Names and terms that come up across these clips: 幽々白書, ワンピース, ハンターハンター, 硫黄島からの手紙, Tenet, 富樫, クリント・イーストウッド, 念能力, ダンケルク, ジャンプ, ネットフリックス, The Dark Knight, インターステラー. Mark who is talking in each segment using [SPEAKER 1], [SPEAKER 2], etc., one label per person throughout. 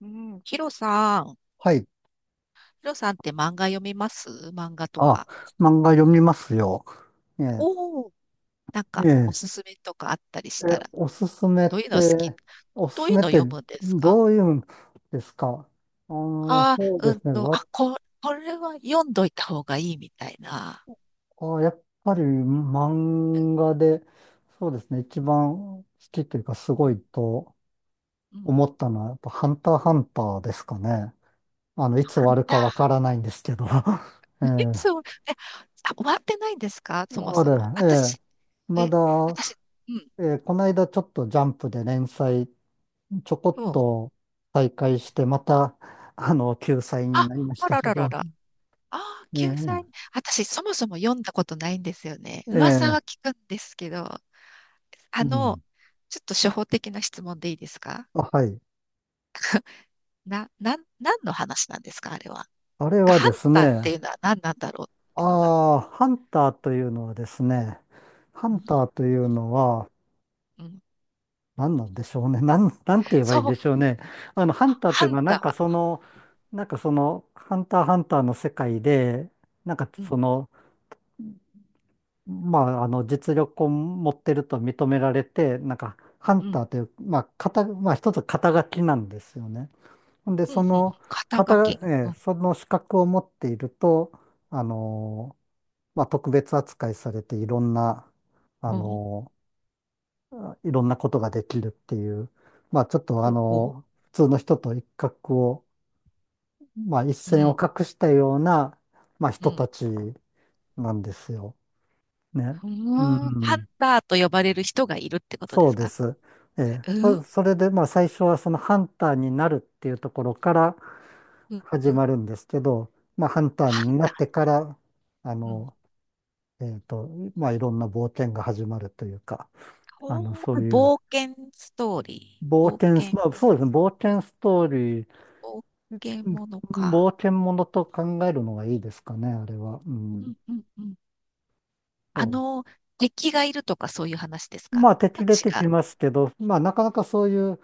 [SPEAKER 1] うん、ヒロさん、
[SPEAKER 2] はい。
[SPEAKER 1] ヒロさんって漫画読みます？漫画と
[SPEAKER 2] あ、
[SPEAKER 1] か。
[SPEAKER 2] 漫画読みますよ。ええ、
[SPEAKER 1] おお、なん
[SPEAKER 2] え
[SPEAKER 1] かお
[SPEAKER 2] え、
[SPEAKER 1] すすめとかあったり
[SPEAKER 2] え、
[SPEAKER 1] したら、
[SPEAKER 2] おすすめっ
[SPEAKER 1] どういうの好き？
[SPEAKER 2] て、おす
[SPEAKER 1] どう
[SPEAKER 2] す
[SPEAKER 1] いう
[SPEAKER 2] めっ
[SPEAKER 1] の
[SPEAKER 2] て
[SPEAKER 1] 読むんですか？
[SPEAKER 2] どういうんですか？
[SPEAKER 1] あ
[SPEAKER 2] そう
[SPEAKER 1] あー、
[SPEAKER 2] で
[SPEAKER 1] うん
[SPEAKER 2] すね。
[SPEAKER 1] と、これは読んどいた方がいいみたいな。
[SPEAKER 2] あ、やっぱり
[SPEAKER 1] うん、
[SPEAKER 2] 漫画で、そうですね。一番好きというか、す
[SPEAKER 1] う
[SPEAKER 2] ごいと
[SPEAKER 1] ん、うん、
[SPEAKER 2] 思ったのは、やっぱハンターハンターですかね。いつ終
[SPEAKER 1] あっ
[SPEAKER 2] わるかわか
[SPEAKER 1] た。
[SPEAKER 2] らないんですけど。え
[SPEAKER 1] そ
[SPEAKER 2] え、
[SPEAKER 1] う。え、あ、終わってないんですかそも
[SPEAKER 2] あ
[SPEAKER 1] そ
[SPEAKER 2] れ、
[SPEAKER 1] も？
[SPEAKER 2] ええ、
[SPEAKER 1] 私、
[SPEAKER 2] ま
[SPEAKER 1] え、
[SPEAKER 2] だ、
[SPEAKER 1] 私、うん、
[SPEAKER 2] この間ちょっとジャンプで連載ちょこ
[SPEAKER 1] う
[SPEAKER 2] っ
[SPEAKER 1] ん。
[SPEAKER 2] と再開して、また、救済に
[SPEAKER 1] あ、
[SPEAKER 2] なりまし
[SPEAKER 1] あ
[SPEAKER 2] た
[SPEAKER 1] ら
[SPEAKER 2] け
[SPEAKER 1] らら
[SPEAKER 2] ど、
[SPEAKER 1] らああ、
[SPEAKER 2] え
[SPEAKER 1] 救済。
[SPEAKER 2] え、
[SPEAKER 1] 私、そもそも読んだことないんですよね。
[SPEAKER 2] え
[SPEAKER 1] 噂は
[SPEAKER 2] え、
[SPEAKER 1] 聞くんですけど、あ
[SPEAKER 2] う
[SPEAKER 1] の、
[SPEAKER 2] ん。
[SPEAKER 1] ちょっと初歩的な質問でいいですか？
[SPEAKER 2] あ、はい。
[SPEAKER 1] な、なん、何の話なんですか、あれは。
[SPEAKER 2] あれは
[SPEAKER 1] ハ
[SPEAKER 2] で
[SPEAKER 1] ン
[SPEAKER 2] す
[SPEAKER 1] ターって
[SPEAKER 2] ね、
[SPEAKER 1] いうのは何なんだろうって
[SPEAKER 2] あ
[SPEAKER 1] いうのが。
[SPEAKER 2] あ、ハ
[SPEAKER 1] う
[SPEAKER 2] ン
[SPEAKER 1] ん、
[SPEAKER 2] ターというのは、
[SPEAKER 1] うん、
[SPEAKER 2] 何なんでしょうね。なんて言えばいいん
[SPEAKER 1] そう、
[SPEAKER 2] でしょうね。ハンターって
[SPEAKER 1] ハ
[SPEAKER 2] いう
[SPEAKER 1] ン
[SPEAKER 2] のは、なんか
[SPEAKER 1] タ
[SPEAKER 2] その、なんかその、ハンターハンターの世界で、なんか
[SPEAKER 1] ー。うん、
[SPEAKER 2] その、まあ、実力を持ってると認められて、なんか、ハ
[SPEAKER 1] う
[SPEAKER 2] ンタ
[SPEAKER 1] ん、
[SPEAKER 2] ーという、まあ、まあ、一つ肩書きなんですよね。ほんで、
[SPEAKER 1] うん、
[SPEAKER 2] そ
[SPEAKER 1] うん。
[SPEAKER 2] の、
[SPEAKER 1] 肩
[SPEAKER 2] 肩、
[SPEAKER 1] 書き。
[SPEAKER 2] え
[SPEAKER 1] う
[SPEAKER 2] ー
[SPEAKER 1] ん、
[SPEAKER 2] その資格を持っていると、あのーまあ、特別扱いされて、あ
[SPEAKER 1] うん、
[SPEAKER 2] のいろんなことができるっていう、まあ、ちょっと、
[SPEAKER 1] ほうほ
[SPEAKER 2] 普通の人と一角を、まあ、一
[SPEAKER 1] う。う
[SPEAKER 2] 線
[SPEAKER 1] ん、
[SPEAKER 2] を画したような、まあ、
[SPEAKER 1] う
[SPEAKER 2] 人た
[SPEAKER 1] ん。
[SPEAKER 2] ちなんですよ。ね。
[SPEAKER 1] う
[SPEAKER 2] う
[SPEAKER 1] ーん、ハン
[SPEAKER 2] ん。
[SPEAKER 1] ターと呼ばれる人がいるってことで
[SPEAKER 2] そう
[SPEAKER 1] す
[SPEAKER 2] で
[SPEAKER 1] か？
[SPEAKER 2] す。ええ、
[SPEAKER 1] うん、
[SPEAKER 2] それで、まあ、最初はそのハンターになるっていうところから
[SPEAKER 1] うん、
[SPEAKER 2] 始
[SPEAKER 1] うん、
[SPEAKER 2] まるんですけど、まあ、ハンター
[SPEAKER 1] ハン
[SPEAKER 2] にな
[SPEAKER 1] タ
[SPEAKER 2] ってから、あの、
[SPEAKER 1] ー。
[SPEAKER 2] えっと、まあ、いろんな冒険が始まるというか、
[SPEAKER 1] おう、
[SPEAKER 2] そういう
[SPEAKER 1] 冒険ストーリー。
[SPEAKER 2] 冒
[SPEAKER 1] 冒
[SPEAKER 2] 険ス、
[SPEAKER 1] 険、
[SPEAKER 2] まあ、そうですね、冒険ストーリー、
[SPEAKER 1] 冒険
[SPEAKER 2] うん、
[SPEAKER 1] ものか。
[SPEAKER 2] 冒険ものと考えるのがいいですかね、あれは。う
[SPEAKER 1] うん
[SPEAKER 2] ん。
[SPEAKER 1] うんうん。あ
[SPEAKER 2] そ
[SPEAKER 1] の、敵がいるとかそういう話です
[SPEAKER 2] う、ま
[SPEAKER 1] か？
[SPEAKER 2] あ、
[SPEAKER 1] あ、
[SPEAKER 2] 敵出て
[SPEAKER 1] 違
[SPEAKER 2] き
[SPEAKER 1] う。
[SPEAKER 2] ますけど、まあ、なかなかそういう、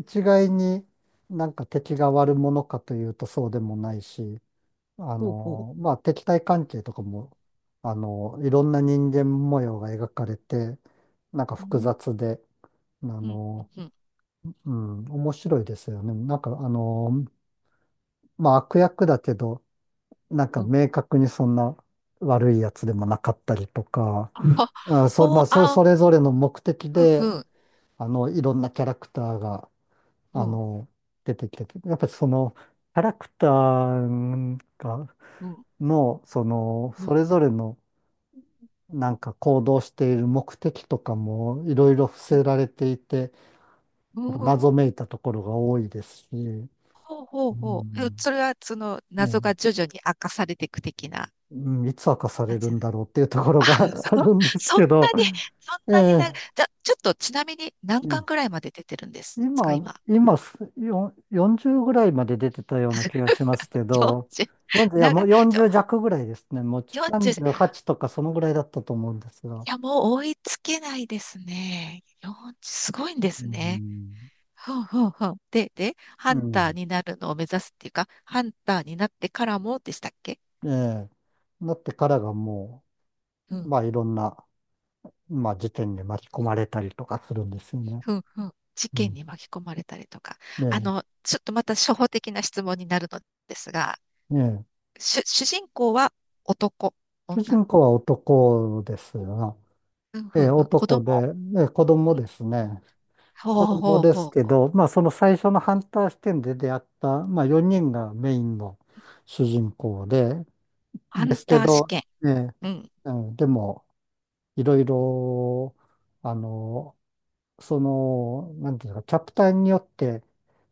[SPEAKER 2] 一概になんか敵が悪者かというとそうでもないし、
[SPEAKER 1] ほうほ
[SPEAKER 2] まあ敵対関係とかも、いろんな人間模様が描かれて、なんか
[SPEAKER 1] う。う
[SPEAKER 2] 複
[SPEAKER 1] ん、
[SPEAKER 2] 雑で、あ
[SPEAKER 1] うん、
[SPEAKER 2] の、
[SPEAKER 1] うん、
[SPEAKER 2] うん、面白いですよね。なんかまあ悪役だけど、なんか
[SPEAKER 1] うん。
[SPEAKER 2] 明確にそんな悪いやつでもなかったりとか、
[SPEAKER 1] あ、
[SPEAKER 2] あ、
[SPEAKER 1] ほ
[SPEAKER 2] ま
[SPEAKER 1] う、
[SPEAKER 2] あ、そ、
[SPEAKER 1] あ、
[SPEAKER 2] それぞれの目的
[SPEAKER 1] ふん
[SPEAKER 2] で、
[SPEAKER 1] ふん、
[SPEAKER 2] いろんなキャラクターが
[SPEAKER 1] う
[SPEAKER 2] あ
[SPEAKER 1] ん、
[SPEAKER 2] の、出てきてて、やっぱりその、キャラクターが、
[SPEAKER 1] うん、
[SPEAKER 2] の、その、
[SPEAKER 1] うん、
[SPEAKER 2] それぞれの、なんか行動している目的とかも、いろいろ伏
[SPEAKER 1] うん。
[SPEAKER 2] せられていて、謎めいたところが多いですし、う
[SPEAKER 1] ほうほうほう。え、
[SPEAKER 2] ん。
[SPEAKER 1] それは、その、
[SPEAKER 2] ね、
[SPEAKER 1] 謎が徐々に明かされていく的な
[SPEAKER 2] うん、いつ明かさ
[SPEAKER 1] 感
[SPEAKER 2] れる
[SPEAKER 1] じ？
[SPEAKER 2] んだろうっていうところ
[SPEAKER 1] あ、そ、
[SPEAKER 2] が あ るんです
[SPEAKER 1] そん
[SPEAKER 2] けど、
[SPEAKER 1] なに、そんなにな、
[SPEAKER 2] え
[SPEAKER 1] じゃ、ちょっとちなみに何巻ぐ
[SPEAKER 2] え、
[SPEAKER 1] らいまで出てるんですか、
[SPEAKER 2] 今、
[SPEAKER 1] 今？
[SPEAKER 2] 今す、よ40ぐらいまで出てたような気がしますけ ど、
[SPEAKER 1] 40、
[SPEAKER 2] 40、いや、も
[SPEAKER 1] 長、
[SPEAKER 2] う
[SPEAKER 1] ちょ、
[SPEAKER 2] 40弱ぐらいですね。もう
[SPEAKER 1] 40、
[SPEAKER 2] 38とかそのぐらいだったと思うんですが。
[SPEAKER 1] いや、もう追いつけないですね。40、すごいんで
[SPEAKER 2] う
[SPEAKER 1] すね。
[SPEAKER 2] ん。
[SPEAKER 1] ふんふんふん。で、
[SPEAKER 2] う
[SPEAKER 1] ハンター
[SPEAKER 2] ん。
[SPEAKER 1] になるのを目指すっていうか、ハンターになってからもでしたっけ？
[SPEAKER 2] ええ。なってからがも
[SPEAKER 1] う
[SPEAKER 2] う、
[SPEAKER 1] ん、
[SPEAKER 2] まあいろんな、まあ事件に巻き込まれたりとかするんですよね。
[SPEAKER 1] ふんふん。事
[SPEAKER 2] う
[SPEAKER 1] 件
[SPEAKER 2] ん。
[SPEAKER 1] に巻き込まれたりとか。あ
[SPEAKER 2] ね
[SPEAKER 1] の、ちょっとまた初歩的な質問になるのですが、
[SPEAKER 2] え。ね
[SPEAKER 1] 主人公は男、
[SPEAKER 2] え。主
[SPEAKER 1] 女？
[SPEAKER 2] 人公は男ですよ。
[SPEAKER 1] うん
[SPEAKER 2] え
[SPEAKER 1] ふ
[SPEAKER 2] え、
[SPEAKER 1] んふん。子供？
[SPEAKER 2] 男で、ええ、子
[SPEAKER 1] う
[SPEAKER 2] 供
[SPEAKER 1] ん。
[SPEAKER 2] ですね。
[SPEAKER 1] ほう
[SPEAKER 2] 子
[SPEAKER 1] ほう
[SPEAKER 2] 供
[SPEAKER 1] ほう
[SPEAKER 2] で
[SPEAKER 1] ほ
[SPEAKER 2] す
[SPEAKER 1] う
[SPEAKER 2] け
[SPEAKER 1] ほう。
[SPEAKER 2] ど、まあその最初のハンター視点で出会った、まあ4人がメインの主人公で、
[SPEAKER 1] ハ
[SPEAKER 2] で
[SPEAKER 1] ン
[SPEAKER 2] すけ
[SPEAKER 1] ター試
[SPEAKER 2] ど、
[SPEAKER 1] 験。
[SPEAKER 2] ね、
[SPEAKER 1] うん。
[SPEAKER 2] うん、でも、いろいろ、あの、その、なんていうか、キャプターによって、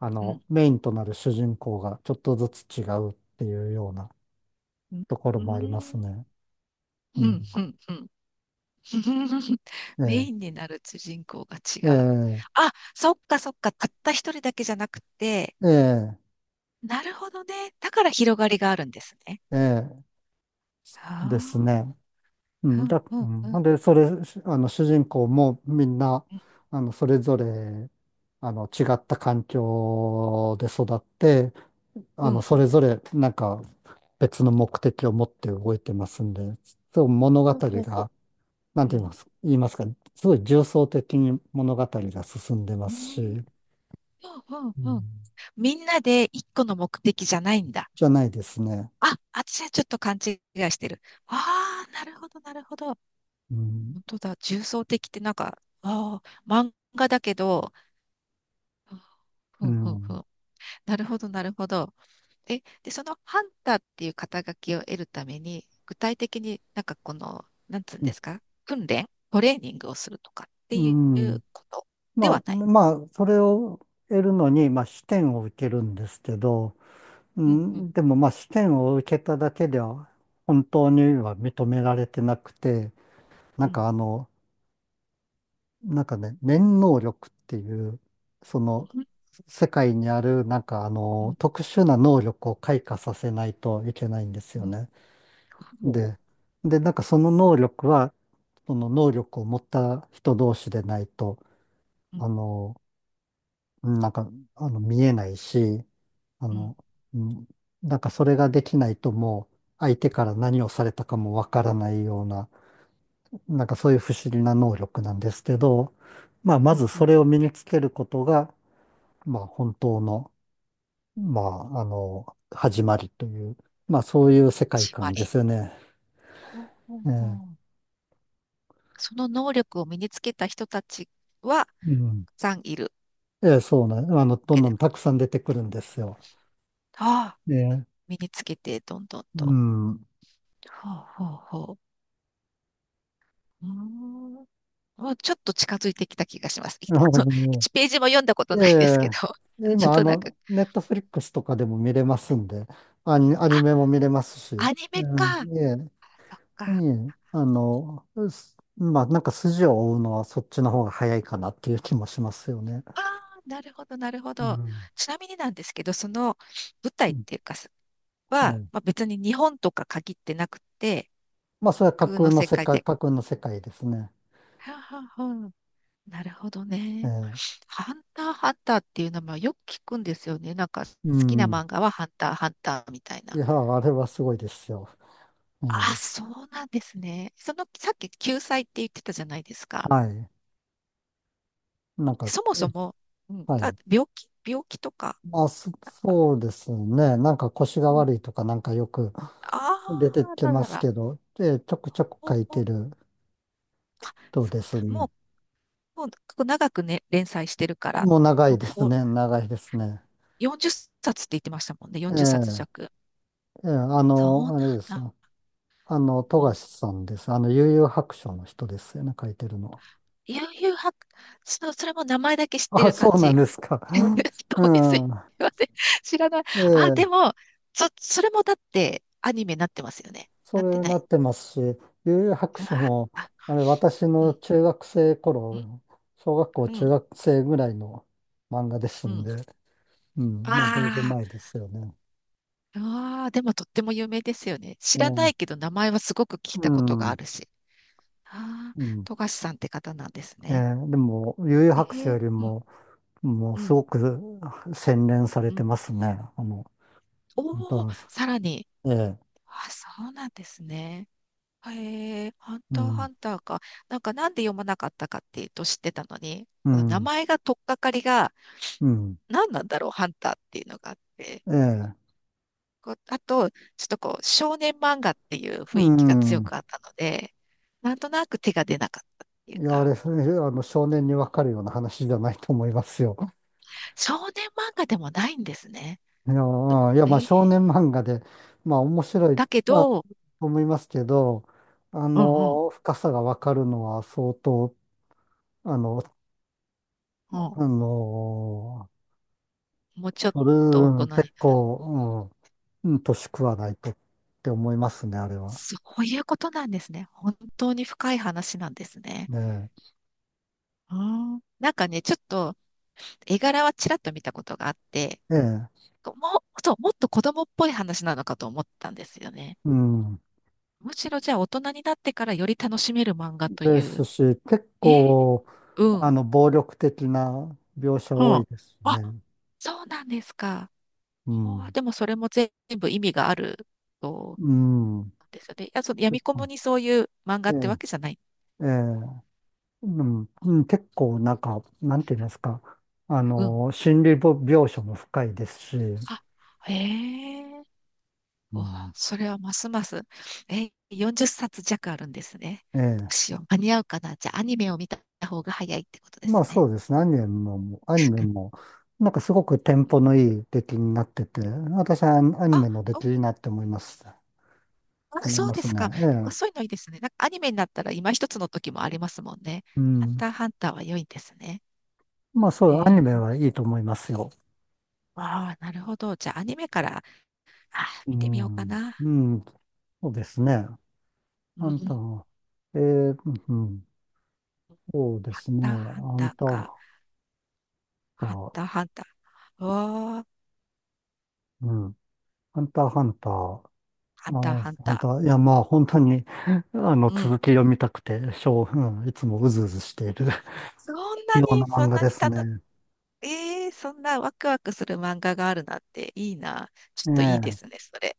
[SPEAKER 1] うん。
[SPEAKER 2] メインとなる主人公がちょっとずつ違うっていうような
[SPEAKER 1] うん。
[SPEAKER 2] ところ
[SPEAKER 1] う
[SPEAKER 2] もあります
[SPEAKER 1] ん。
[SPEAKER 2] ね。うん。
[SPEAKER 1] うん。うん。うん。
[SPEAKER 2] え
[SPEAKER 1] メ
[SPEAKER 2] え、
[SPEAKER 1] インになる主人公が
[SPEAKER 2] え
[SPEAKER 1] 違う。
[SPEAKER 2] え、
[SPEAKER 1] あ、そっかそっか。たった一人だけじゃなくて。
[SPEAKER 2] ええ、
[SPEAKER 1] なるほどね。だから広がりがあるんですね。
[SPEAKER 2] ええ
[SPEAKER 1] あ
[SPEAKER 2] ですね。う
[SPEAKER 1] あ。
[SPEAKER 2] ん、
[SPEAKER 1] うん。う
[SPEAKER 2] う
[SPEAKER 1] ん。
[SPEAKER 2] ん、
[SPEAKER 1] うん。
[SPEAKER 2] ほんで、それ、し主人公もみんな、
[SPEAKER 1] うん。
[SPEAKER 2] それぞれ、違った環境で育って、
[SPEAKER 1] うん、
[SPEAKER 2] それぞれ、なんか、別の目的を持って動いてますんで、そう、物語
[SPEAKER 1] ほうほうほ
[SPEAKER 2] が、なん
[SPEAKER 1] う。う
[SPEAKER 2] て
[SPEAKER 1] ん。
[SPEAKER 2] 言いますか、すごい重層的に物語が進んでま
[SPEAKER 1] う
[SPEAKER 2] す
[SPEAKER 1] ん。
[SPEAKER 2] し、
[SPEAKER 1] うん。うん。
[SPEAKER 2] う
[SPEAKER 1] うん、
[SPEAKER 2] ん、
[SPEAKER 1] みんなで一個の目的じゃないんだ。
[SPEAKER 2] じゃないですね。
[SPEAKER 1] あ、私はちょっと勘違いしてる。ああ、なるほど、なるほど。
[SPEAKER 2] うん。
[SPEAKER 1] 本当だ、重層的ってなんか、ああ、漫画だけど、ふ
[SPEAKER 2] う
[SPEAKER 1] んふんふ
[SPEAKER 2] ん。
[SPEAKER 1] ん。なるほど、なるほど。え、で、そのハンターっていう肩書きを得るために、具体的になんかこの、なんつうん
[SPEAKER 2] う
[SPEAKER 1] で
[SPEAKER 2] ん。
[SPEAKER 1] すか、訓練、トレーニングをするとかって
[SPEAKER 2] う
[SPEAKER 1] い
[SPEAKER 2] ん、
[SPEAKER 1] うことで
[SPEAKER 2] ま
[SPEAKER 1] は
[SPEAKER 2] あ、
[SPEAKER 1] ない？
[SPEAKER 2] まあ、それを得るのに、まあ、視点を受けるんですけど、う
[SPEAKER 1] うんうん
[SPEAKER 2] ん、でもまあ試験を受けただけでは本当には認められてなくて、
[SPEAKER 1] う
[SPEAKER 2] なん
[SPEAKER 1] ん。
[SPEAKER 2] かなんかね、念能力っていう、その
[SPEAKER 1] うん
[SPEAKER 2] 世界にあるなんか
[SPEAKER 1] うん
[SPEAKER 2] 特殊な能力を開花させないといけないんです
[SPEAKER 1] う
[SPEAKER 2] よ
[SPEAKER 1] ん。
[SPEAKER 2] ね。
[SPEAKER 1] ほ
[SPEAKER 2] で、で、なんかその能力は、その能力を持った人同士でないと、
[SPEAKER 1] う。うん
[SPEAKER 2] あの、なんか、見えないし、あ
[SPEAKER 1] うん。
[SPEAKER 2] の、うん、なんかそれができないともう相手から何をされたかもわからないような、なんかそういう不思議な能力なんですけど、まあ、ま
[SPEAKER 1] ほう
[SPEAKER 2] ず
[SPEAKER 1] ほ
[SPEAKER 2] そ
[SPEAKER 1] う、
[SPEAKER 2] れを身につけることが、まあ、本当の、まあ、始まりという、まあ、そういう世界
[SPEAKER 1] つま
[SPEAKER 2] 観で
[SPEAKER 1] り。
[SPEAKER 2] すよね。
[SPEAKER 1] ほうほう
[SPEAKER 2] え
[SPEAKER 1] ほ
[SPEAKER 2] え、
[SPEAKER 1] う。その能力を身につけた人たちは、たく
[SPEAKER 2] うん。
[SPEAKER 1] さんいるわ
[SPEAKER 2] ええ、そうなん、あの、ど
[SPEAKER 1] け
[SPEAKER 2] んど
[SPEAKER 1] です？
[SPEAKER 2] んたくさん出てくるんですよ。
[SPEAKER 1] ああ、
[SPEAKER 2] ええ、
[SPEAKER 1] 身につけて、どんどん
[SPEAKER 2] う
[SPEAKER 1] と。
[SPEAKER 2] ん。
[SPEAKER 1] ほうほうほう。うーん。もうちょっと近づいてきた気がします。い、 1ページも読んだこと
[SPEAKER 2] え
[SPEAKER 1] ないですけど、
[SPEAKER 2] え、
[SPEAKER 1] ちょっ
[SPEAKER 2] 今、
[SPEAKER 1] となんか、
[SPEAKER 2] ネットフリックスとかでも見れますんで、アニ、アニ
[SPEAKER 1] あ、
[SPEAKER 2] メも見れますし、
[SPEAKER 1] アニメ
[SPEAKER 2] う
[SPEAKER 1] か。そっ
[SPEAKER 2] ん、ええ、え
[SPEAKER 1] か。
[SPEAKER 2] え、まあ、なんか筋を追うのはそっちの方が早いかなっていう気もしますよね。
[SPEAKER 1] ああ、なるほど、なるほ
[SPEAKER 2] う
[SPEAKER 1] ど。
[SPEAKER 2] ん。
[SPEAKER 1] ちなみになんですけど、その舞台
[SPEAKER 2] う
[SPEAKER 1] っ
[SPEAKER 2] ん、
[SPEAKER 1] ていうか、
[SPEAKER 2] は
[SPEAKER 1] は、
[SPEAKER 2] い。
[SPEAKER 1] まあ、別に日本とか限ってなくて、
[SPEAKER 2] まあ、それは架
[SPEAKER 1] 空
[SPEAKER 2] 空
[SPEAKER 1] の
[SPEAKER 2] の
[SPEAKER 1] 世
[SPEAKER 2] 世
[SPEAKER 1] 界
[SPEAKER 2] 界、
[SPEAKER 1] で。
[SPEAKER 2] 架空の世界ですね。
[SPEAKER 1] はあはあはあ、なるほど
[SPEAKER 2] え
[SPEAKER 1] ね。
[SPEAKER 2] え、
[SPEAKER 1] ハンターハンターっていう名前よく聞くんですよね。なんか好
[SPEAKER 2] う
[SPEAKER 1] きな
[SPEAKER 2] ん。
[SPEAKER 1] 漫画はハンターハンターみたい
[SPEAKER 2] い
[SPEAKER 1] な。
[SPEAKER 2] や、あれはすごいですよ。え
[SPEAKER 1] あ、
[SPEAKER 2] え、
[SPEAKER 1] そうなんですね。その、さっき救済って言ってたじゃないですか。
[SPEAKER 2] はい。なんか、
[SPEAKER 1] そも
[SPEAKER 2] ええ、
[SPEAKER 1] そも、うん、
[SPEAKER 2] はい、なんか、え、は
[SPEAKER 1] あ、
[SPEAKER 2] い、
[SPEAKER 1] 病気とか、
[SPEAKER 2] まあ、そ
[SPEAKER 1] なんか、
[SPEAKER 2] そうですね。なんか腰が
[SPEAKER 1] うん、
[SPEAKER 2] 悪いとかなんかよく出て
[SPEAKER 1] あー
[SPEAKER 2] き
[SPEAKER 1] ら
[SPEAKER 2] ま
[SPEAKER 1] ら
[SPEAKER 2] す
[SPEAKER 1] ら、
[SPEAKER 2] けど、で、ちょくちょく
[SPEAKER 1] ほう
[SPEAKER 2] 書い
[SPEAKER 1] ほ
[SPEAKER 2] て
[SPEAKER 1] う、
[SPEAKER 2] る
[SPEAKER 1] あ、
[SPEAKER 2] と
[SPEAKER 1] そ
[SPEAKER 2] で
[SPEAKER 1] う
[SPEAKER 2] す
[SPEAKER 1] だ、
[SPEAKER 2] ね。
[SPEAKER 1] もうこう長くね、連載してるから、
[SPEAKER 2] もう長
[SPEAKER 1] も
[SPEAKER 2] い
[SPEAKER 1] う
[SPEAKER 2] です
[SPEAKER 1] こ
[SPEAKER 2] ね。長いですね。
[SPEAKER 1] う、40冊っさつって言ってましたもんね、
[SPEAKER 2] ええ、
[SPEAKER 1] 40冊弱。
[SPEAKER 2] ええ、
[SPEAKER 1] そうなん
[SPEAKER 2] あれです。
[SPEAKER 1] だ。う
[SPEAKER 2] 富
[SPEAKER 1] ん。
[SPEAKER 2] 樫さんです。悠々白書の人ですよね、書いてるのは。
[SPEAKER 1] 悠々白、そう、それも名前だけ知って
[SPEAKER 2] あ、
[SPEAKER 1] る
[SPEAKER 2] そ
[SPEAKER 1] 感
[SPEAKER 2] うなん
[SPEAKER 1] じ。
[SPEAKER 2] ですか。
[SPEAKER 1] そう
[SPEAKER 2] う
[SPEAKER 1] です、すい
[SPEAKER 2] ん。
[SPEAKER 1] ません。知らない。
[SPEAKER 2] え
[SPEAKER 1] あ、で
[SPEAKER 2] え、
[SPEAKER 1] も、それもだってアニメになってますよね。
[SPEAKER 2] そ
[SPEAKER 1] なって
[SPEAKER 2] れに
[SPEAKER 1] な
[SPEAKER 2] な
[SPEAKER 1] い？
[SPEAKER 2] ってますし、悠々白書
[SPEAKER 1] あ、
[SPEAKER 2] も、あれ、私
[SPEAKER 1] う
[SPEAKER 2] の
[SPEAKER 1] ん、
[SPEAKER 2] 中学生頃、小学校
[SPEAKER 1] うん、う
[SPEAKER 2] 中
[SPEAKER 1] ん。
[SPEAKER 2] 学生ぐらいの漫画です
[SPEAKER 1] う
[SPEAKER 2] ん
[SPEAKER 1] ん、
[SPEAKER 2] で、うん、まあ、だいぶ前
[SPEAKER 1] あ
[SPEAKER 2] ですよね。
[SPEAKER 1] ー、あー、でもとっても有名ですよね。知
[SPEAKER 2] え
[SPEAKER 1] らない
[SPEAKER 2] え、
[SPEAKER 1] けど名前はすごく聞い
[SPEAKER 2] う
[SPEAKER 1] たことがあ
[SPEAKER 2] ん。
[SPEAKER 1] るし。ああ、
[SPEAKER 2] うん。
[SPEAKER 1] 富樫さんって方なんですね。
[SPEAKER 2] でも、悠々
[SPEAKER 1] え
[SPEAKER 2] 白書
[SPEAKER 1] ー、
[SPEAKER 2] より
[SPEAKER 1] うん、
[SPEAKER 2] も、もう
[SPEAKER 1] う
[SPEAKER 2] す
[SPEAKER 1] ん、
[SPEAKER 2] ごく洗練され
[SPEAKER 1] う
[SPEAKER 2] て
[SPEAKER 1] ん。
[SPEAKER 2] ますね。ダ
[SPEAKER 1] おお、
[SPEAKER 2] ンス。
[SPEAKER 1] さらに。
[SPEAKER 2] ええ、
[SPEAKER 1] あ、そうなんですね。へえ、ハン
[SPEAKER 2] う
[SPEAKER 1] ターハ
[SPEAKER 2] ん、
[SPEAKER 1] ンターか。なんかなんで読まなかったかっていうと、知ってたのに、
[SPEAKER 2] う
[SPEAKER 1] この名
[SPEAKER 2] ん、
[SPEAKER 1] 前が取っかかりが
[SPEAKER 2] うん、
[SPEAKER 1] 何なんだろう、ハンターっていうのがあって。
[SPEAKER 2] ええ、
[SPEAKER 1] こう、あと、ちょっとこう、少年漫画っていう雰
[SPEAKER 2] う
[SPEAKER 1] 囲気が強
[SPEAKER 2] ん。
[SPEAKER 1] くあったので、なんとなく手が出なかったっていう
[SPEAKER 2] いや、あれ、
[SPEAKER 1] か、
[SPEAKER 2] 少年にわかるような話じゃないと思いますよ。
[SPEAKER 1] 少年漫画でもないんですね。
[SPEAKER 2] いや、
[SPEAKER 1] え
[SPEAKER 2] まあ、
[SPEAKER 1] ー、
[SPEAKER 2] 少年漫画で、まあ、面白い、
[SPEAKER 1] だけ
[SPEAKER 2] まあ、
[SPEAKER 1] ど、
[SPEAKER 2] と思いますけど、
[SPEAKER 1] うん、うん、
[SPEAKER 2] 深さがわかるのは相当、あの、
[SPEAKER 1] うん、
[SPEAKER 2] あの、
[SPEAKER 1] もうちょっ
[SPEAKER 2] それ、
[SPEAKER 1] と大人になる。
[SPEAKER 2] 結構、うんうん、年食わないとって思いますね、あれは。
[SPEAKER 1] そういうことなんですね。本当に深い話なんですね。
[SPEAKER 2] ね
[SPEAKER 1] ああ、なんかね、ちょっと絵柄はちらっと見たことがあって、
[SPEAKER 2] え、え
[SPEAKER 1] もっと子供っぽい話なのかと思ったんですよね。
[SPEAKER 2] え、うん、
[SPEAKER 1] むしろじゃあ大人になってからより楽しめる漫画とい
[SPEAKER 2] です
[SPEAKER 1] う。
[SPEAKER 2] し、結
[SPEAKER 1] えー、
[SPEAKER 2] 構、
[SPEAKER 1] うん。
[SPEAKER 2] 暴力的な描写多い
[SPEAKER 1] は
[SPEAKER 2] です
[SPEAKER 1] あ、あ、
[SPEAKER 2] ね。
[SPEAKER 1] そうなんですか。
[SPEAKER 2] う
[SPEAKER 1] はあ、
[SPEAKER 2] ん。
[SPEAKER 1] でもそれも全部意味があると、
[SPEAKER 2] うん。
[SPEAKER 1] なんですよね。いや、その
[SPEAKER 2] 結
[SPEAKER 1] 闇雲
[SPEAKER 2] 構、
[SPEAKER 1] にそういう漫画
[SPEAKER 2] え
[SPEAKER 1] っ
[SPEAKER 2] え、
[SPEAKER 1] てわけじゃない。
[SPEAKER 2] ええ、うん、うん、結構なんか、なんて言いますか。
[SPEAKER 1] うん。
[SPEAKER 2] 心理ぼ描写も深いですし、
[SPEAKER 1] あ、へえ、
[SPEAKER 2] う
[SPEAKER 1] お、
[SPEAKER 2] ん。
[SPEAKER 1] それはますます。え、40冊弱あるんですね。ど
[SPEAKER 2] え
[SPEAKER 1] う
[SPEAKER 2] え、
[SPEAKER 1] しよう。間に合うかな。じゃあ、アニメを見た方が早いってことで
[SPEAKER 2] ま
[SPEAKER 1] す
[SPEAKER 2] あそ
[SPEAKER 1] ね。
[SPEAKER 2] うですね。アニメも、アニメも、なんかすごくテン
[SPEAKER 1] う
[SPEAKER 2] ポ
[SPEAKER 1] ん、
[SPEAKER 2] のいい出来になってて、私はアニアニ
[SPEAKER 1] あ、
[SPEAKER 2] メの出
[SPEAKER 1] お、
[SPEAKER 2] 来いいなって思います。
[SPEAKER 1] あ、
[SPEAKER 2] 思い
[SPEAKER 1] そう
[SPEAKER 2] ま
[SPEAKER 1] で
[SPEAKER 2] す
[SPEAKER 1] す
[SPEAKER 2] ね。
[SPEAKER 1] か。
[SPEAKER 2] え
[SPEAKER 1] なんか
[SPEAKER 2] え。
[SPEAKER 1] そういうのいいですね。なんかアニメになったら今一つの時もありますもんね。
[SPEAKER 2] う
[SPEAKER 1] ハン
[SPEAKER 2] ん。
[SPEAKER 1] ターハンターは良いですね。
[SPEAKER 2] まあそ
[SPEAKER 1] へ
[SPEAKER 2] う、アニメ
[SPEAKER 1] え。
[SPEAKER 2] はいいと思いますよ。
[SPEAKER 1] ああ、なるほど。じゃあ、アニメから、あ、
[SPEAKER 2] う
[SPEAKER 1] 見てみようか
[SPEAKER 2] ん。
[SPEAKER 1] な。
[SPEAKER 2] うん。そうですね。あ
[SPEAKER 1] う
[SPEAKER 2] んた
[SPEAKER 1] ん。
[SPEAKER 2] は、ええ、うん。そうで
[SPEAKER 1] ハン
[SPEAKER 2] すね。
[SPEAKER 1] ターハン
[SPEAKER 2] あ
[SPEAKER 1] タ
[SPEAKER 2] ん
[SPEAKER 1] ー
[SPEAKER 2] た、
[SPEAKER 1] か。ハン
[SPEAKER 2] あ
[SPEAKER 1] ターハンター。わあ、
[SPEAKER 2] うん。ハンターハンター。
[SPEAKER 1] ハンターハン
[SPEAKER 2] ハン
[SPEAKER 1] タ
[SPEAKER 2] ター、いや、まあ、本当に、
[SPEAKER 1] ー。うん。
[SPEAKER 2] 続き読みたくて、しょう、うん、いつもうずうずしている。
[SPEAKER 1] そん
[SPEAKER 2] ような
[SPEAKER 1] そ
[SPEAKER 2] 漫
[SPEAKER 1] ん
[SPEAKER 2] 画
[SPEAKER 1] な
[SPEAKER 2] で
[SPEAKER 1] に
[SPEAKER 2] す
[SPEAKER 1] 楽、
[SPEAKER 2] ね。
[SPEAKER 1] ええ、そんなワクワクする漫画があるなんていいな。ちょ
[SPEAKER 2] え
[SPEAKER 1] っといいです
[SPEAKER 2] え。
[SPEAKER 1] ね、それ。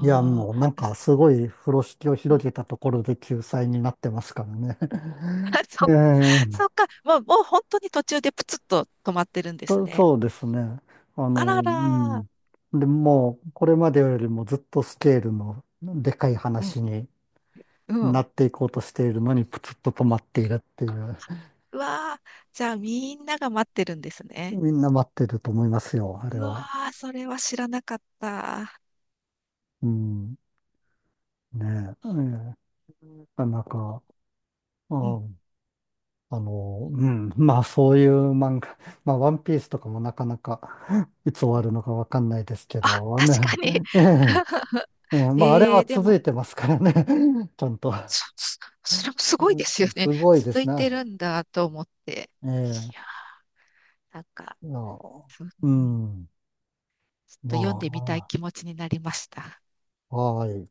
[SPEAKER 2] いや、
[SPEAKER 1] あ、
[SPEAKER 2] もうなんかすごい風呂敷を
[SPEAKER 1] うん。
[SPEAKER 2] 広げたところで救済になってますからね。え
[SPEAKER 1] そ、そっ
[SPEAKER 2] え。
[SPEAKER 1] か。もうもう本当に途中でプツッと止まってるんですね。
[SPEAKER 2] そうですね。
[SPEAKER 1] あら
[SPEAKER 2] う
[SPEAKER 1] ら。
[SPEAKER 2] ん。で、もうこれまでよりもずっとスケールのでかい
[SPEAKER 1] うん、
[SPEAKER 2] 話に
[SPEAKER 1] う
[SPEAKER 2] な
[SPEAKER 1] ん。
[SPEAKER 2] っていこうとしているのにプツッと止まっているっていう。
[SPEAKER 1] うわあ、じゃあみんなが待ってるんですね。
[SPEAKER 2] みんな待ってると思いますよ、あ
[SPEAKER 1] う
[SPEAKER 2] れ
[SPEAKER 1] わ
[SPEAKER 2] は。
[SPEAKER 1] あ、それは知らなかった。
[SPEAKER 2] うん。ねえ。ええ。な
[SPEAKER 1] うん、
[SPEAKER 2] かなか。う
[SPEAKER 1] うん。
[SPEAKER 2] ん、うん、まあそういう漫画、まあワンピースとかもなかなか いつ終
[SPEAKER 1] う
[SPEAKER 2] わ
[SPEAKER 1] ん、
[SPEAKER 2] るのかわかんないですけ
[SPEAKER 1] あ、
[SPEAKER 2] ど
[SPEAKER 1] 確か
[SPEAKER 2] ね、
[SPEAKER 1] に。
[SPEAKER 2] ええ、ええ、 まああれ
[SPEAKER 1] え
[SPEAKER 2] は
[SPEAKER 1] えで
[SPEAKER 2] 続
[SPEAKER 1] も、
[SPEAKER 2] いてますからね、ちゃんと。
[SPEAKER 1] そ、そそれもすごい
[SPEAKER 2] う
[SPEAKER 1] ですよ
[SPEAKER 2] ん、
[SPEAKER 1] ね。
[SPEAKER 2] すごいで
[SPEAKER 1] 続
[SPEAKER 2] す
[SPEAKER 1] い
[SPEAKER 2] ね。あ
[SPEAKER 1] て
[SPEAKER 2] れ、
[SPEAKER 1] るんだと思って。いや、
[SPEAKER 2] え
[SPEAKER 1] なんか、
[SPEAKER 2] え、いや、
[SPEAKER 1] そうね、
[SPEAKER 2] うん、
[SPEAKER 1] ちょっと読んでみたい
[SPEAKER 2] ま
[SPEAKER 1] 気持ちになりました。
[SPEAKER 2] あ、はい。